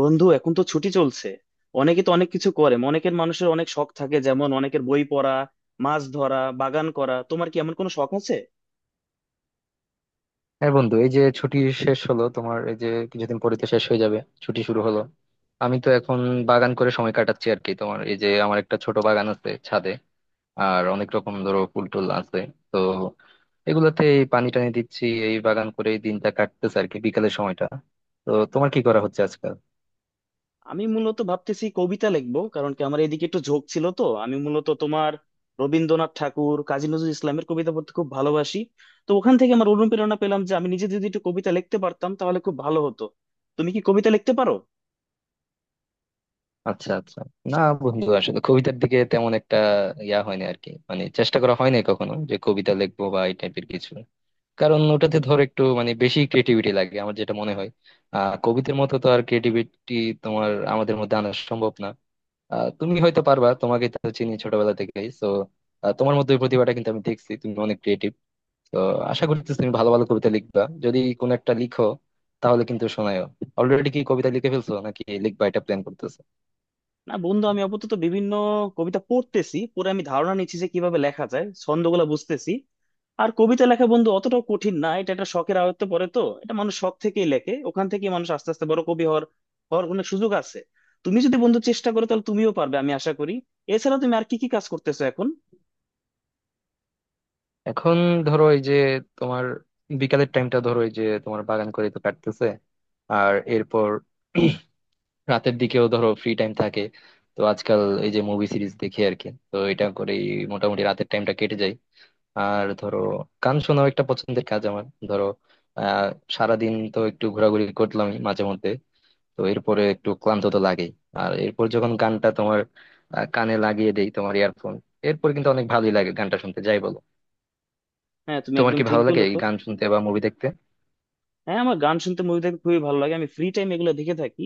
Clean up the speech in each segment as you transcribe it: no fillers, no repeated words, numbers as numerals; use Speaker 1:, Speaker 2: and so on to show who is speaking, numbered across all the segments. Speaker 1: বন্ধু, এখন তো ছুটি চলছে। অনেকে তো অনেক কিছু করে, অনেকের মানুষের অনেক শখ থাকে, যেমন অনেকের বই পড়া, মাছ ধরা, বাগান করা। তোমার কি এমন কোনো শখ আছে?
Speaker 2: হ্যাঁ বন্ধু, এই যে ছুটি শেষ হলো তোমার, এই যে কিছুদিন পরে তো শেষ হয়ে যাবে ছুটি শুরু হলো। আমি তো এখন বাগান করে সময় কাটাচ্ছি আর কি। তোমার, এই যে আমার একটা ছোট বাগান আছে ছাদে, আর অনেক রকম ধরো ফুল টুল আছে। তো এগুলোতে এই পানি টানি দিচ্ছি, এই বাগান করে এই দিনটা কাটতেছে আর কি, বিকালের সময়টা। তো তোমার কি করা হচ্ছে আজকাল?
Speaker 1: আমি মূলত ভাবতেছি কবিতা লিখবো, কারণ কি আমার এদিকে একটু ঝোঁক ছিল। তো আমি মূলত তোমার রবীন্দ্রনাথ ঠাকুর, কাজী নজরুল ইসলামের কবিতা পড়তে খুব ভালোবাসি। তো ওখান থেকে আমার অনুপ্রেরণা পেলাম যে আমি নিজে যদি একটু কবিতা লিখতে পারতাম তাহলে খুব ভালো হতো। তুমি কি কবিতা লিখতে পারো?
Speaker 2: আচ্ছা আচ্ছা, না বন্ধু আসলে কবিতার দিকে তেমন একটা হয়নি আর কি, মানে চেষ্টা করা হয়নি কখনো যে কবিতা লিখবো বা এই টাইপের কিছু। কারণ ওটাতে ধর একটু মানে বেশি ক্রিয়েটিভিটি লাগে, আমার যেটা মনে হয়। কবিতার মতো তো আর ক্রিয়েটিভিটি তোমার আমাদের মধ্যে আনা সম্ভব না। তুমি হয়তো পারবা, তোমাকে তো চিনি ছোটবেলা থেকেই তো। তোমার মধ্যে ওই প্রতিভাটা কিন্তু আমি দেখছি, তুমি অনেক ক্রিয়েটিভ। তো আশা করতেছি তুমি ভালো ভালো কবিতা লিখবা। যদি কোনো একটা লিখো তাহলে কিন্তু শোনায়ও। অলরেডি কি কবিতা লিখে ফেলছো নাকি লিখবা এটা প্ল্যান করতেছো?
Speaker 1: না বন্ধু, আমি আপাতত বিভিন্ন কবিতা পড়তেছি, পরে আমি ধারণা নিচ্ছি যে কিভাবে লেখা যায়, ছন্দগুলো বুঝতেছি। আর কবিতা লেখা বন্ধু অতটাও কঠিন না, এটা একটা শখের আয়ত্তে পড়ে, তো এটা মানুষ শখ থেকেই লেখে, ওখান থেকেই মানুষ আস্তে আস্তে বড় কবি হওয়ার হওয়ার অনেক সুযোগ আছে। তুমি যদি বন্ধু চেষ্টা করো তাহলে তুমিও পারবে, আমি আশা করি। এছাড়া তুমি আর কি কি কাজ করতেছো এখন?
Speaker 2: এখন ধরো, এই যে তোমার বিকালের টাইমটা ধরো, এই যে তোমার বাগান করে তো কাটতেছে। আর এরপর রাতের দিকেও ধরো ফ্রি টাইম থাকে। তো আজকাল এই যে মুভি সিরিজ দেখি আর কি, তো এটা করেই মোটামুটি রাতের টাইমটা কেটে যায়। আর ধরো গান শোনাও একটা পছন্দের কাজ আমার। ধরো, আহ সারাদিন তো একটু ঘোরাঘুরি করলামই মাঝে মধ্যে, তো এরপরে একটু ক্লান্ত তো লাগেই। আর এরপর যখন গানটা তোমার, কানে লাগিয়ে দেই তোমার ইয়ারফোন, এরপর কিন্তু অনেক ভালোই লাগে গানটা শুনতে, যাই বলো?
Speaker 1: হ্যাঁ, তুমি
Speaker 2: তোমার
Speaker 1: একদম
Speaker 2: কি
Speaker 1: ঠিক
Speaker 2: ভালো লাগে
Speaker 1: বলো।
Speaker 2: এই গান শুনতে বা মুভি দেখতে?
Speaker 1: হ্যাঁ, আমার গান শুনতে, মুভি দেখতে খুবই ভালো লাগে, আমি ফ্রি টাইম এগুলো দেখে থাকি।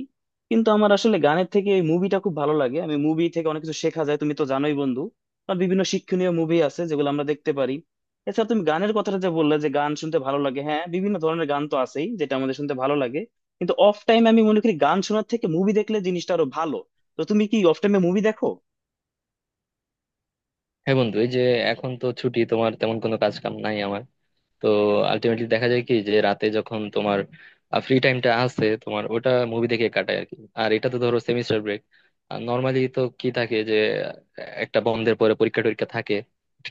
Speaker 1: কিন্তু আমার আসলে গানের থেকে এই মুভিটা খুব ভালো লাগে, আমি মুভি থেকে অনেক কিছু শেখা যায়, তুমি তো জানোই বন্ধু। আর বিভিন্ন শিক্ষণীয় মুভি আছে যেগুলো আমরা দেখতে পারি। এছাড়া তুমি গানের কথাটা যে বললে যে গান শুনতে ভালো লাগে, হ্যাঁ বিভিন্ন ধরনের গান তো আছেই যেটা আমাদের শুনতে ভালো লাগে। কিন্তু অফ টাইম আমি মনে করি গান শোনার থেকে মুভি দেখলে জিনিসটা আরো ভালো। তো তুমি কি অফ টাইমে মুভি দেখো?
Speaker 2: হ্যাঁ বন্ধু, এই যে এখন তো ছুটি, তোমার তেমন কোনো কাজ কাম নাই আমার। তো আলটিমেটলি দেখা যায় কি, যে রাতে যখন তোমার ফ্রি টাইমটা আছে, তোমার ওটা মুভি দেখে কাটায় আর কি। আর এটা তো ধরো সেমিস্টার ব্রেক। আর নর্মালি তো কি থাকে যে, আহ, একটা বন্ধের পরে পরীক্ষা টরীক্ষা থাকে,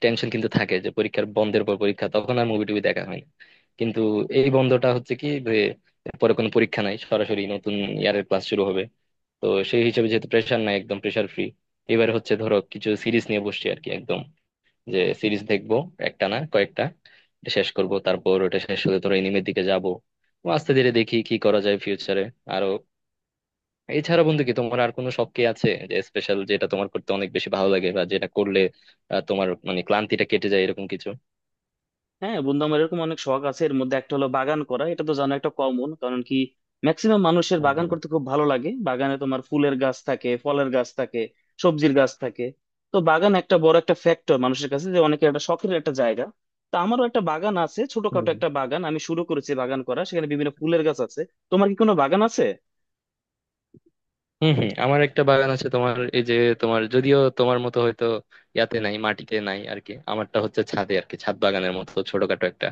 Speaker 2: টেনশন কিন্তু থাকে যে পরীক্ষার বন্ধের পর পরীক্ষা, তখন আর মুভি টুভি দেখা হয় না। কিন্তু এই বন্ধটা হচ্ছে কি যে পরে কোনো পরীক্ষা নাই, সরাসরি নতুন ইয়ারের ক্লাস শুরু হবে। তো সেই হিসেবে যেহেতু প্রেশার নাই, একদম প্রেশার ফ্রি। এবারে হচ্ছে ধরো কিছু সিরিজ নিয়ে বসছি আর কি, একদম যে সিরিজ দেখবো একটা না কয়েকটা। এটা শেষ করব, তারপর ওটা শেষ হলে ধরো এনিমের দিকে যাব। আস্তে ধীরে দেখি কি করা যায় ফিউচারে আরো। এছাড়া বন্ধু কি তোমার আর কোনো শখ কি আছে যে স্পেশাল, যেটা তোমার করতে অনেক বেশি ভালো লাগে, বা যেটা করলে তোমার মানে ক্লান্তিটা কেটে যায় এরকম কিছু?
Speaker 1: হ্যাঁ বন্ধু, আমার এরকম অনেক শখ আছে, এর মধ্যে একটা হলো বাগান করা, এটা তো জানো একটা কমন, কারণ কি ম্যাক্সিমাম মানুষের বাগান
Speaker 2: হুম,
Speaker 1: করতে খুব ভালো লাগে। বাগানে তোমার ফুলের গাছ থাকে, ফলের গাছ থাকে, সবজির গাছ থাকে। তো বাগান একটা বড় একটা ফ্যাক্টর মানুষের কাছে, যে অনেকের একটা শখের একটা জায়গা। তো আমারও একটা বাগান আছে, ছোটখাটো
Speaker 2: হুম।
Speaker 1: একটা বাগান আমি শুরু করেছি বাগান করা, সেখানে বিভিন্ন ফুলের গাছ আছে। তোমার কি কোনো বাগান আছে?
Speaker 2: হম হম, আমার একটা বাগান আছে তোমার, এই যে তোমার যদিও, তোমার মতো হয়তো নাই, মাটিতে নাই আর কি। আমারটা হচ্ছে ছাদে আর কি, ছাদ বাগানের মতো ছোটখাটো একটা।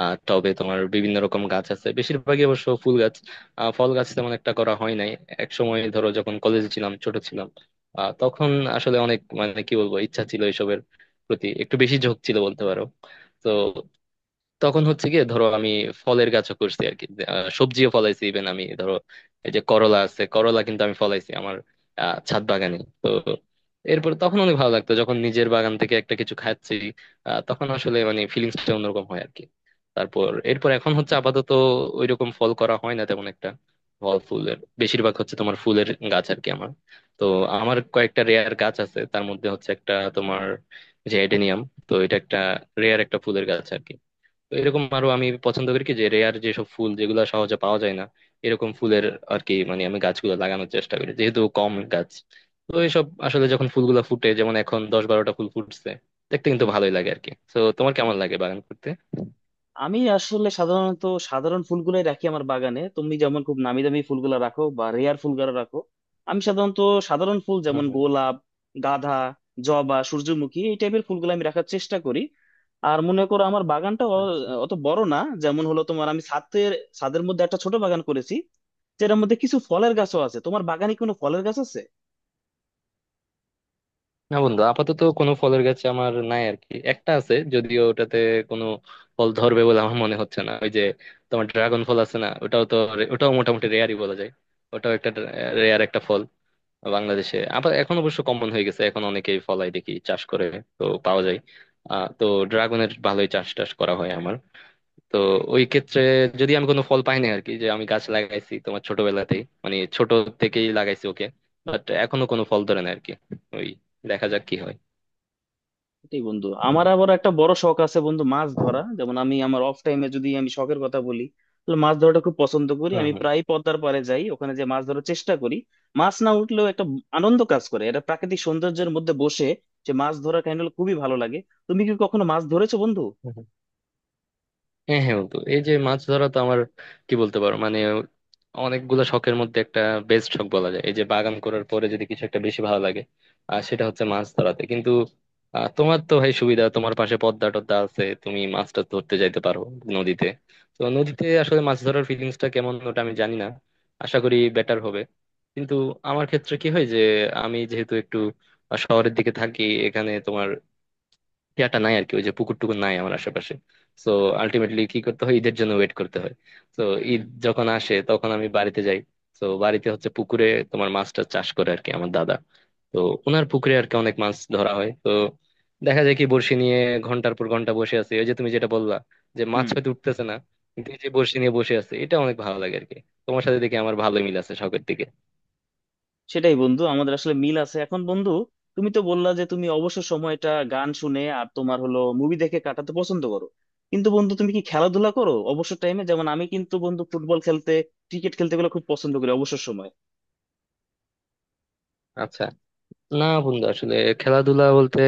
Speaker 2: টবে তোমার বিভিন্ন রকম গাছ আছে, বেশিরভাগই অবশ্য ফুল গাছ। ফল গাছ তেমন একটা করা হয় নাই। এক সময় ধরো যখন কলেজে ছিলাম, ছোট ছিলাম, তখন আসলে অনেক মানে কি বলবো, ইচ্ছা ছিল এসবের প্রতি, একটু বেশি ঝোঁক ছিল বলতে পারো। তো তখন হচ্ছে গিয়ে ধরো আমি ফলের গাছও করছি আর কি যে, সবজিও ফলাইছি। ইভেন আমি ধরো এই যে করলা আছে, করলা কিন্তু আমি ফলাইছি আমার, ছাদ বাগানে। তো এরপর তখন অনেক ভালো লাগতো যখন নিজের বাগান থেকে একটা কিছু খাচ্ছি, তখন আসলে মানে ফিলিংসটা অন্যরকম হয় আর কি। তারপর এরপর এখন হচ্ছে আপাতত ওইরকম ফল করা হয় না তেমন একটা। ফল ফুলের বেশিরভাগ হচ্ছে তোমার ফুলের গাছ আর কি আমার। তো আমার কয়েকটা রেয়ার গাছ আছে, তার মধ্যে হচ্ছে একটা তোমার, যে এডেনিয়াম। তো এটা একটা রেয়ার একটা ফুলের গাছ আর কি। তো এরকম আরো আমি পছন্দ করি কি, যে রেয়ার যেসব ফুল, যেগুলো সহজে পাওয়া যায় না এরকম ফুলের আর কি, মানে আমি গাছগুলো লাগানোর চেষ্টা করি, যেহেতু কম গাছ। তো এইসব আসলে যখন ফুলগুলো ফুটে, যেমন এখন 10-12টা ফুল ফুটছে, দেখতে কিন্তু ভালোই লাগে আর কি। তো তোমার কেমন লাগে বাগান করতে?
Speaker 1: আমি আসলে সাধারণত সাধারণ ফুলগুলাই রাখি আমার বাগানে। তুমি যেমন খুব নামি দামি ফুলগুলো রাখো বা রেয়ার ফুলগুলো রাখো, আমি সাধারণত সাধারণ ফুল
Speaker 2: হম
Speaker 1: যেমন
Speaker 2: হম।
Speaker 1: গোলাপ, গাঁদা, জবা, সূর্যমুখী এই টাইপের ফুলগুলো আমি রাখার চেষ্টা করি। আর মনে করো আমার বাগানটা
Speaker 2: আচ্ছা,
Speaker 1: অত বড় না যেমন হলো তোমার, আমি ছাদের ছাদের মধ্যে একটা ছোট বাগান করেছি, যেটার মধ্যে কিছু ফলের গাছও আছে। তোমার বাগানে কোনো ফলের গাছ আছে?
Speaker 2: না বন্ধু আপাতত কোনো ফলের গাছ আমার নাই আর কি। একটা আছে যদিও, ওটাতে কোনো ফল ধরবে বলে আমার মনে হচ্ছে না। ওই যে তোমার ড্রাগন ফল আছে না, ওটাও তো ওটাও মোটামুটি রেয়ারই বলা যায়। ওটাও একটা রেয়ার একটা ফল। বাংলাদেশে আবার এখন অবশ্য কমন হয়ে গেছে, এখন অনেকেই ফলাই দেখি, চাষ করে তো পাওয়া যায়। তো ড্রাগনের ভালোই চাষ টাস করা হয় আমার। তো ওই ক্ষেত্রে যদি আমি কোনো ফল পাই না আর কি, যে আমি গাছ লাগাইছি তোমার ছোটবেলাতেই, মানে ছোট থেকেই লাগাইছি ওকে, বাট এখনো কোনো ফল ধরে না আর কি। ওই দেখা যাক কি হয়।
Speaker 1: এটাই বন্ধু, আমার আবার একটা বড় শখ আছে বন্ধু, মাছ ধরা। যেমন আমি আমার অফ টাইমে যদি আমি শখের কথা বলি তাহলে মাছ ধরাটা খুব পছন্দ করি। আমি
Speaker 2: হম
Speaker 1: প্রায় পদ্মার পাড়ে যাই, ওখানে যে মাছ ধরার চেষ্টা করি। মাছ না উঠলেও একটা আনন্দ কাজ করে, এটা প্রাকৃতিক সৌন্দর্যের মধ্যে বসে যে মাছ ধরা কাহিনীগুলো খুবই ভালো লাগে। তুমি কি কখনো মাছ ধরেছো বন্ধু?
Speaker 2: হম। হ্যাঁ হ্যাঁ বন্ধু, এই যে মাছ ধরা তো আমার কি বলতে পারো, মানে অনেকগুলা শখের মধ্যে একটা বেস্ট শখ বলা যায়। এই যে বাগান করার পরে যদি কিছু একটা বেশি ভালো লাগে, আর সেটা হচ্ছে মাছ ধরাতে কিন্তু। তোমার তো ভাই সুবিধা, তোমার পাশে পদ্মা টদ্মা আছে, তুমি মাছটা ধরতে যাইতে পারো নদীতে। তো নদীতে আসলে মাছ ধরার ফিলিংসটা কেমন, ওটা আমি জানি না, আশা করি বেটার হবে। কিন্তু আমার ক্ষেত্রে কি হয়, যে আমি যেহেতু একটু শহরের দিকে থাকি, এখানে তোমার নাই আর কি, ওই যে পুকুর টুকুর নাই আমার আশেপাশে। তো আলটিমেটলি কি করতে হয়, ঈদের জন্য ওয়েট করতে হয়। তো ঈদ
Speaker 1: হুম,
Speaker 2: যখন আসে তখন আমি বাড়িতে যাই। তো বাড়িতে হচ্ছে পুকুরে তোমার মাছটা চাষ করে আর কি আমার দাদা। তো ওনার পুকুরে আর কি অনেক মাছ ধরা হয়। তো দেখা যায় কি বড়শি নিয়ে ঘন্টার পর ঘন্টা বসে আছে, ওই যে তুমি যেটা বললা যে মাছ
Speaker 1: হুম।
Speaker 2: হয়তো উঠতেছে না, কিন্তু এই যে বড়শি নিয়ে বসে আছে, এটা অনেক ভালো লাগে আর কি। তোমার সাথে দেখে আমার ভালো মিল আছে শখের দিকে।
Speaker 1: সেটাই বন্ধু, আমাদের আসলে মিল আছে। এখন বন্ধু, তুমি তো বললা যে তুমি অবসর সময়টা গান শুনে আর তোমার হলো মুভি দেখে কাটাতে পছন্দ করো। কিন্তু বন্ধু, তুমি কি খেলাধুলা করো অবসর টাইমে? যেমন আমি কিন্তু বন্ধু ফুটবল খেলতে, ক্রিকেট খেলতে গুলো খুব পছন্দ করি অবসর সময়।
Speaker 2: আচ্ছা, না বন্ধু আসলে খেলাধুলা বলতে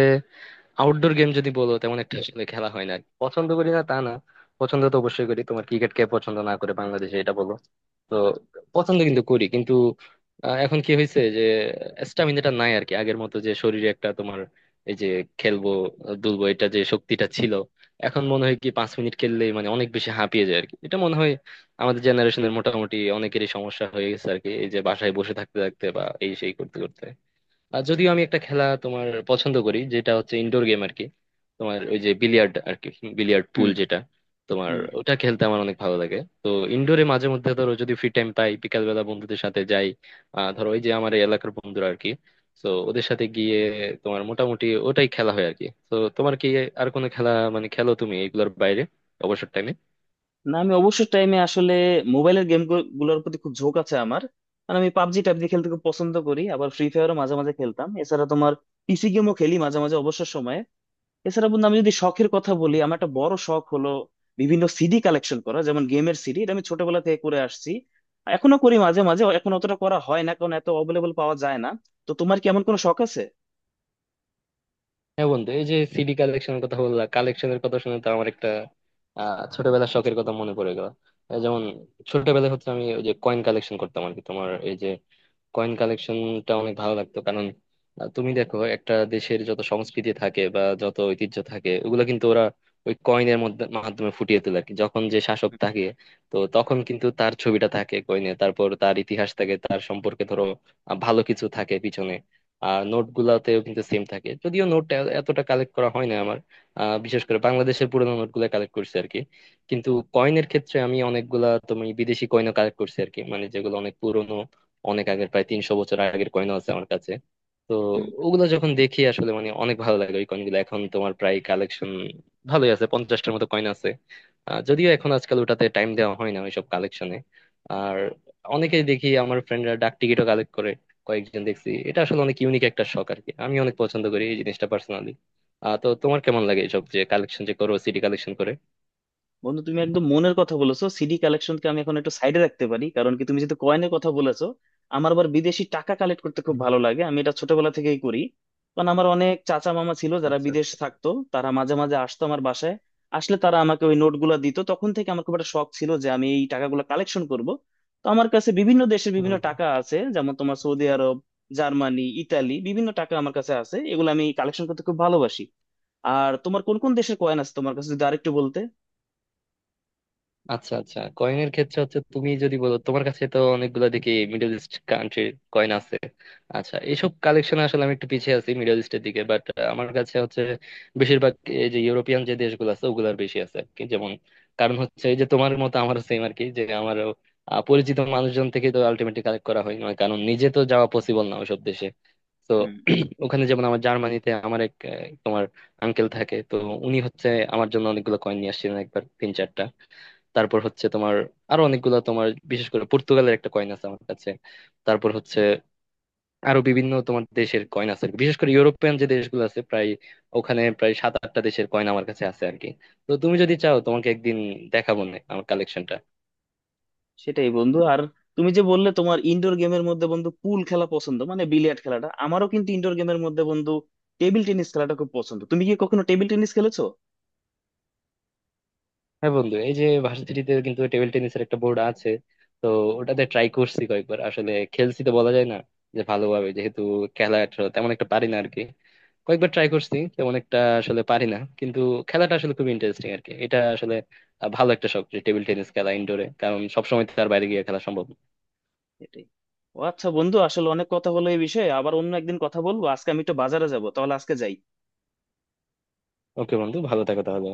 Speaker 2: আউটডোর গেম যদি বলো, তেমন একটা আসলে খেলা হয় না আর কি। পছন্দ করি না তা না, পছন্দ তো অবশ্যই করি। তোমার ক্রিকেট কে পছন্দ না করে বাংলাদেশে, এটা বলো। তো পছন্দ কিন্তু করি, কিন্তু এখন কি হয়েছে যে স্টামিনাটা নাই আর কি আগের মতো, যে শরীরে একটা তোমার এই যে খেলবো দুলবো এটা যে শক্তিটা ছিল, এখন মনে হয় কি 5 মিনিট খেললেই মানে অনেক বেশি হাঁপিয়ে যায় আর কি। এটা মনে হয় আমাদের জেনারেশনের মোটামুটি অনেকেরই সমস্যা হয়ে গেছে আর কি, এই যে বাসায় বসে থাকতে থাকতে বা এই সেই করতে করতে। আর যদিও আমি একটা খেলা তোমার পছন্দ করি, যেটা হচ্ছে ইনডোর গেম আর কি, তোমার ওই যে বিলিয়ার্ড আর কি, বিলিয়ার্ড
Speaker 1: হুম,
Speaker 2: পুল যেটা তোমার,
Speaker 1: হুম।
Speaker 2: ওটা খেলতে আমার অনেক ভালো লাগে। তো ইনডোরে মাঝে মধ্যে ধরো যদি ফ্রি টাইম পাই, বিকাল বেলা বন্ধুদের সাথে যাই, ধরো ওই যে আমার এই এলাকার বন্ধুরা আর কি। তো ওদের সাথে গিয়ে তোমার মোটামুটি ওটাই খেলা হয় আর কি। তো তোমার কি আর কোনো খেলা মানে খেলো তুমি এগুলোর বাইরে অবসর টাইমে?
Speaker 1: না, আমি অবসর টাইমে আসলে মোবাইলের গেম গুলোর প্রতি খুব ঝোঁক আছে আমার, মানে আমি পাবজি টাবজি খেলতে খুব পছন্দ করি, আবার ফ্রি ফায়ারও মাঝে মাঝে খেলতাম। এছাড়া তোমার পিসি গেমও খেলি মাঝে মাঝে অবসর সময়ে। এছাড়া বন্ধু, আমি যদি শখের কথা বলি, আমার একটা বড় শখ হলো বিভিন্ন সিডি কালেকশন করা, যেমন গেমের সিডি। এটা আমি ছোটবেলা থেকে করে আসছি, এখনো করি মাঝে মাঝে, এখন অতটা করা হয় না কারণ এত অ্যাভেলেবল পাওয়া যায় না। তো তোমার কি এমন কোনো শখ আছে?
Speaker 2: হ্যাঁ বন্ধু, এই যে সিডি কালেকশনের কথা বললা, কালেকশনের কথা শুনে তো আমার একটা ছোটবেলার শখের কথা মনে পড়ে গেল। যেমন ছোটবেলায় হচ্ছে আমি ওই যে কয়েন কালেকশন করতাম আর কি। তোমার এই যে কয়েন কালেকশনটা অনেক ভালো লাগতো, কারণ তুমি দেখো একটা দেশের যত সংস্কৃতি থাকে বা যত ঐতিহ্য থাকে, ওগুলো কিন্তু ওরা ওই কয়েনের মধ্যে মাধ্যমে ফুটিয়ে তোলে আর কি। যখন যে শাসক থাকে, তো তখন কিন্তু তার ছবিটা থাকে কয়েনে, তারপর তার ইতিহাস থাকে তার সম্পর্কে, ধরো ভালো কিছু থাকে পিছনে। আর নোট গুলাতেও কিন্তু সেম থাকে, যদিও নোট এতটা কালেক্ট করা হয় না আমার। বিশেষ করে বাংলাদেশের পুরোনো নোট গুলা কালেক্ট করছি আর কি। কিন্তু কয়েনের ক্ষেত্রে আমি অনেকগুলা তুমি বিদেশি কয়েনও কালেক্ট করছি আর কি, মানে যেগুলো অনেক পুরোনো, অনেক আগের, প্রায় 300 বছর আগের কয়েনও আছে আমার কাছে। তো ওগুলো যখন দেখি আসলে মানে অনেক ভালো লাগে। ওই কয়েনগুলো এখন তোমার প্রায় কালেকশন ভালোই আছে, 50টার মতো কয়েন আছে। যদিও এখন আজকাল ওটাতে টাইম দেওয়া হয় না ওইসব কালেকশনে। আর অনেকেই দেখি আমার ফ্রেন্ডরা ডাক টিকিটও কালেক্ট কয়েকজন দেখছি, এটা আসলে অনেক ইউনিক একটা শখ আর কি, আমি অনেক পছন্দ করি এই জিনিসটা পার্সোনালি। তো তোমার কেমন লাগে এসব যে কালেকশন যে করো, সিডি কালেকশন করে?
Speaker 1: বন্ধু তুমি একদম মনের কথা বলেছো। সিডি কালেকশনকে আমি এখন একটু সাইডে রাখতে পারি, কারণ কি তুমি যেহেতু কয়েনের কথা বলেছো, আমার আবার বিদেশি টাকা কালেক্ট করতে খুব ভালো লাগে। আমি এটা ছোটবেলা থেকেই করি, কারণ আমার অনেক চাচা মামা ছিল যারা বিদেশ থাকতো, তারা মাঝে মাঝে আসতো আমার বাসায়। আসলে তারা আমাকে ওই নোটগুলো দিত, তখন থেকে আমার খুব একটা শখ ছিল যে আমি এই টাকাগুলো কালেকশন করব। তো আমার কাছে বিভিন্ন দেশের
Speaker 2: হুম,
Speaker 1: বিভিন্ন
Speaker 2: হুম।
Speaker 1: টাকা আছে, যেমন তোমার সৌদি আরব, জার্মানি, ইতালি, বিভিন্ন টাকা আমার কাছে আছে, এগুলো আমি কালেকশন করতে খুব ভালোবাসি। আর তোমার কোন কোন দেশের কয়েন আছে তোমার কাছে যদি আরেকটু বলতে।
Speaker 2: আচ্ছা আচ্ছা, কয়েনের ক্ষেত্রে হচ্ছে তুমি যদি বলো, তোমার কাছে তো অনেকগুলো দেখি মিডল ইস্ট কান্ট্রির কয়েন আছে। আচ্ছা এইসব কালেকশন আসলে আমি একটু পিছিয়ে আছি মিডল ইস্টের দিকে, বাট আমার কাছে হচ্ছে বেশিরভাগ এই যে ইউরোপিয়ান যে দেশগুলো আছে, ওগুলার বেশি আছে আর কি। যেমন কারণ হচ্ছে এই যে তোমার মতো আমারও সেম আর কি, যে আমারও পরিচিত মানুষজন থেকে তো আলটিমেটলি কালেক্ট করা হয়, না কারণ নিজে তো যাওয়া পসিবল না ওইসব দেশে। তো
Speaker 1: হুম।
Speaker 2: ওখানে যেমন আমার জার্মানিতে আমার এক তোমার আঙ্কেল থাকে তো, উনি হচ্ছে আমার জন্য অনেকগুলো কয়েন নিয়ে আসছিলেন একবার, 3-4টা। তারপর হচ্ছে তোমার আরো অনেকগুলো তোমার, বিশেষ করে পর্তুগালের একটা কয়েন আছে আমার কাছে। তারপর হচ্ছে আরো বিভিন্ন তোমার দেশের কয়েন আছে আর কি। বিশেষ করে ইউরোপিয়ান যে দেশগুলো আছে প্রায়, ওখানে প্রায় 7-8টা দেশের কয়েন আমার কাছে আছে আর কি। তো তুমি যদি চাও তোমাকে একদিন দেখাবো না আমার কালেকশনটা।
Speaker 1: সেটাই বন্ধু। আর তুমি যে বললে তোমার ইনডোর গেমের মধ্যে বন্ধু পুল খেলা পছন্দ, মানে বিলিয়ার্ড খেলাটা, আমারও কিন্তু ইনডোর গেমের মধ্যে বন্ধু টেবিল টেনিস খেলাটা খুব পছন্দ। তুমি কি কখনো টেবিল টেনিস খেলেছো?
Speaker 2: হ্যাঁ বন্ধু, এই যে ভার্সিটিতে কিন্তু টেবিল টেনিসের একটা বোর্ড আছে। তো ওটাতে ট্রাই করছি কয়েকবার, আসলে খেলছি তো বলা যায় না, যে ভালোভাবে যেহেতু তেমন একটা পারি না আরকি। কয়েকবার ট্রাই করছি, তেমন একটা আসলে পারি না, কিন্তু খেলাটা আসলে খুব ইন্টারেস্টিং আরকি। এটা আসলে ভালো একটা শখ যে টেবিল টেনিস খেলা ইনডোরে, কারণ সবসময় তো আর বাইরে গিয়ে খেলা সম্ভব না।
Speaker 1: এটাই। ও আচ্ছা বন্ধু, আসলে অনেক কথা হলো এই বিষয়ে, আবার অন্য একদিন কথা বলবো। আজকে আমি একটু বাজারে যাবো, তাহলে আজকে যাই।
Speaker 2: ওকে বন্ধু, ভালো থাকো তাহলে।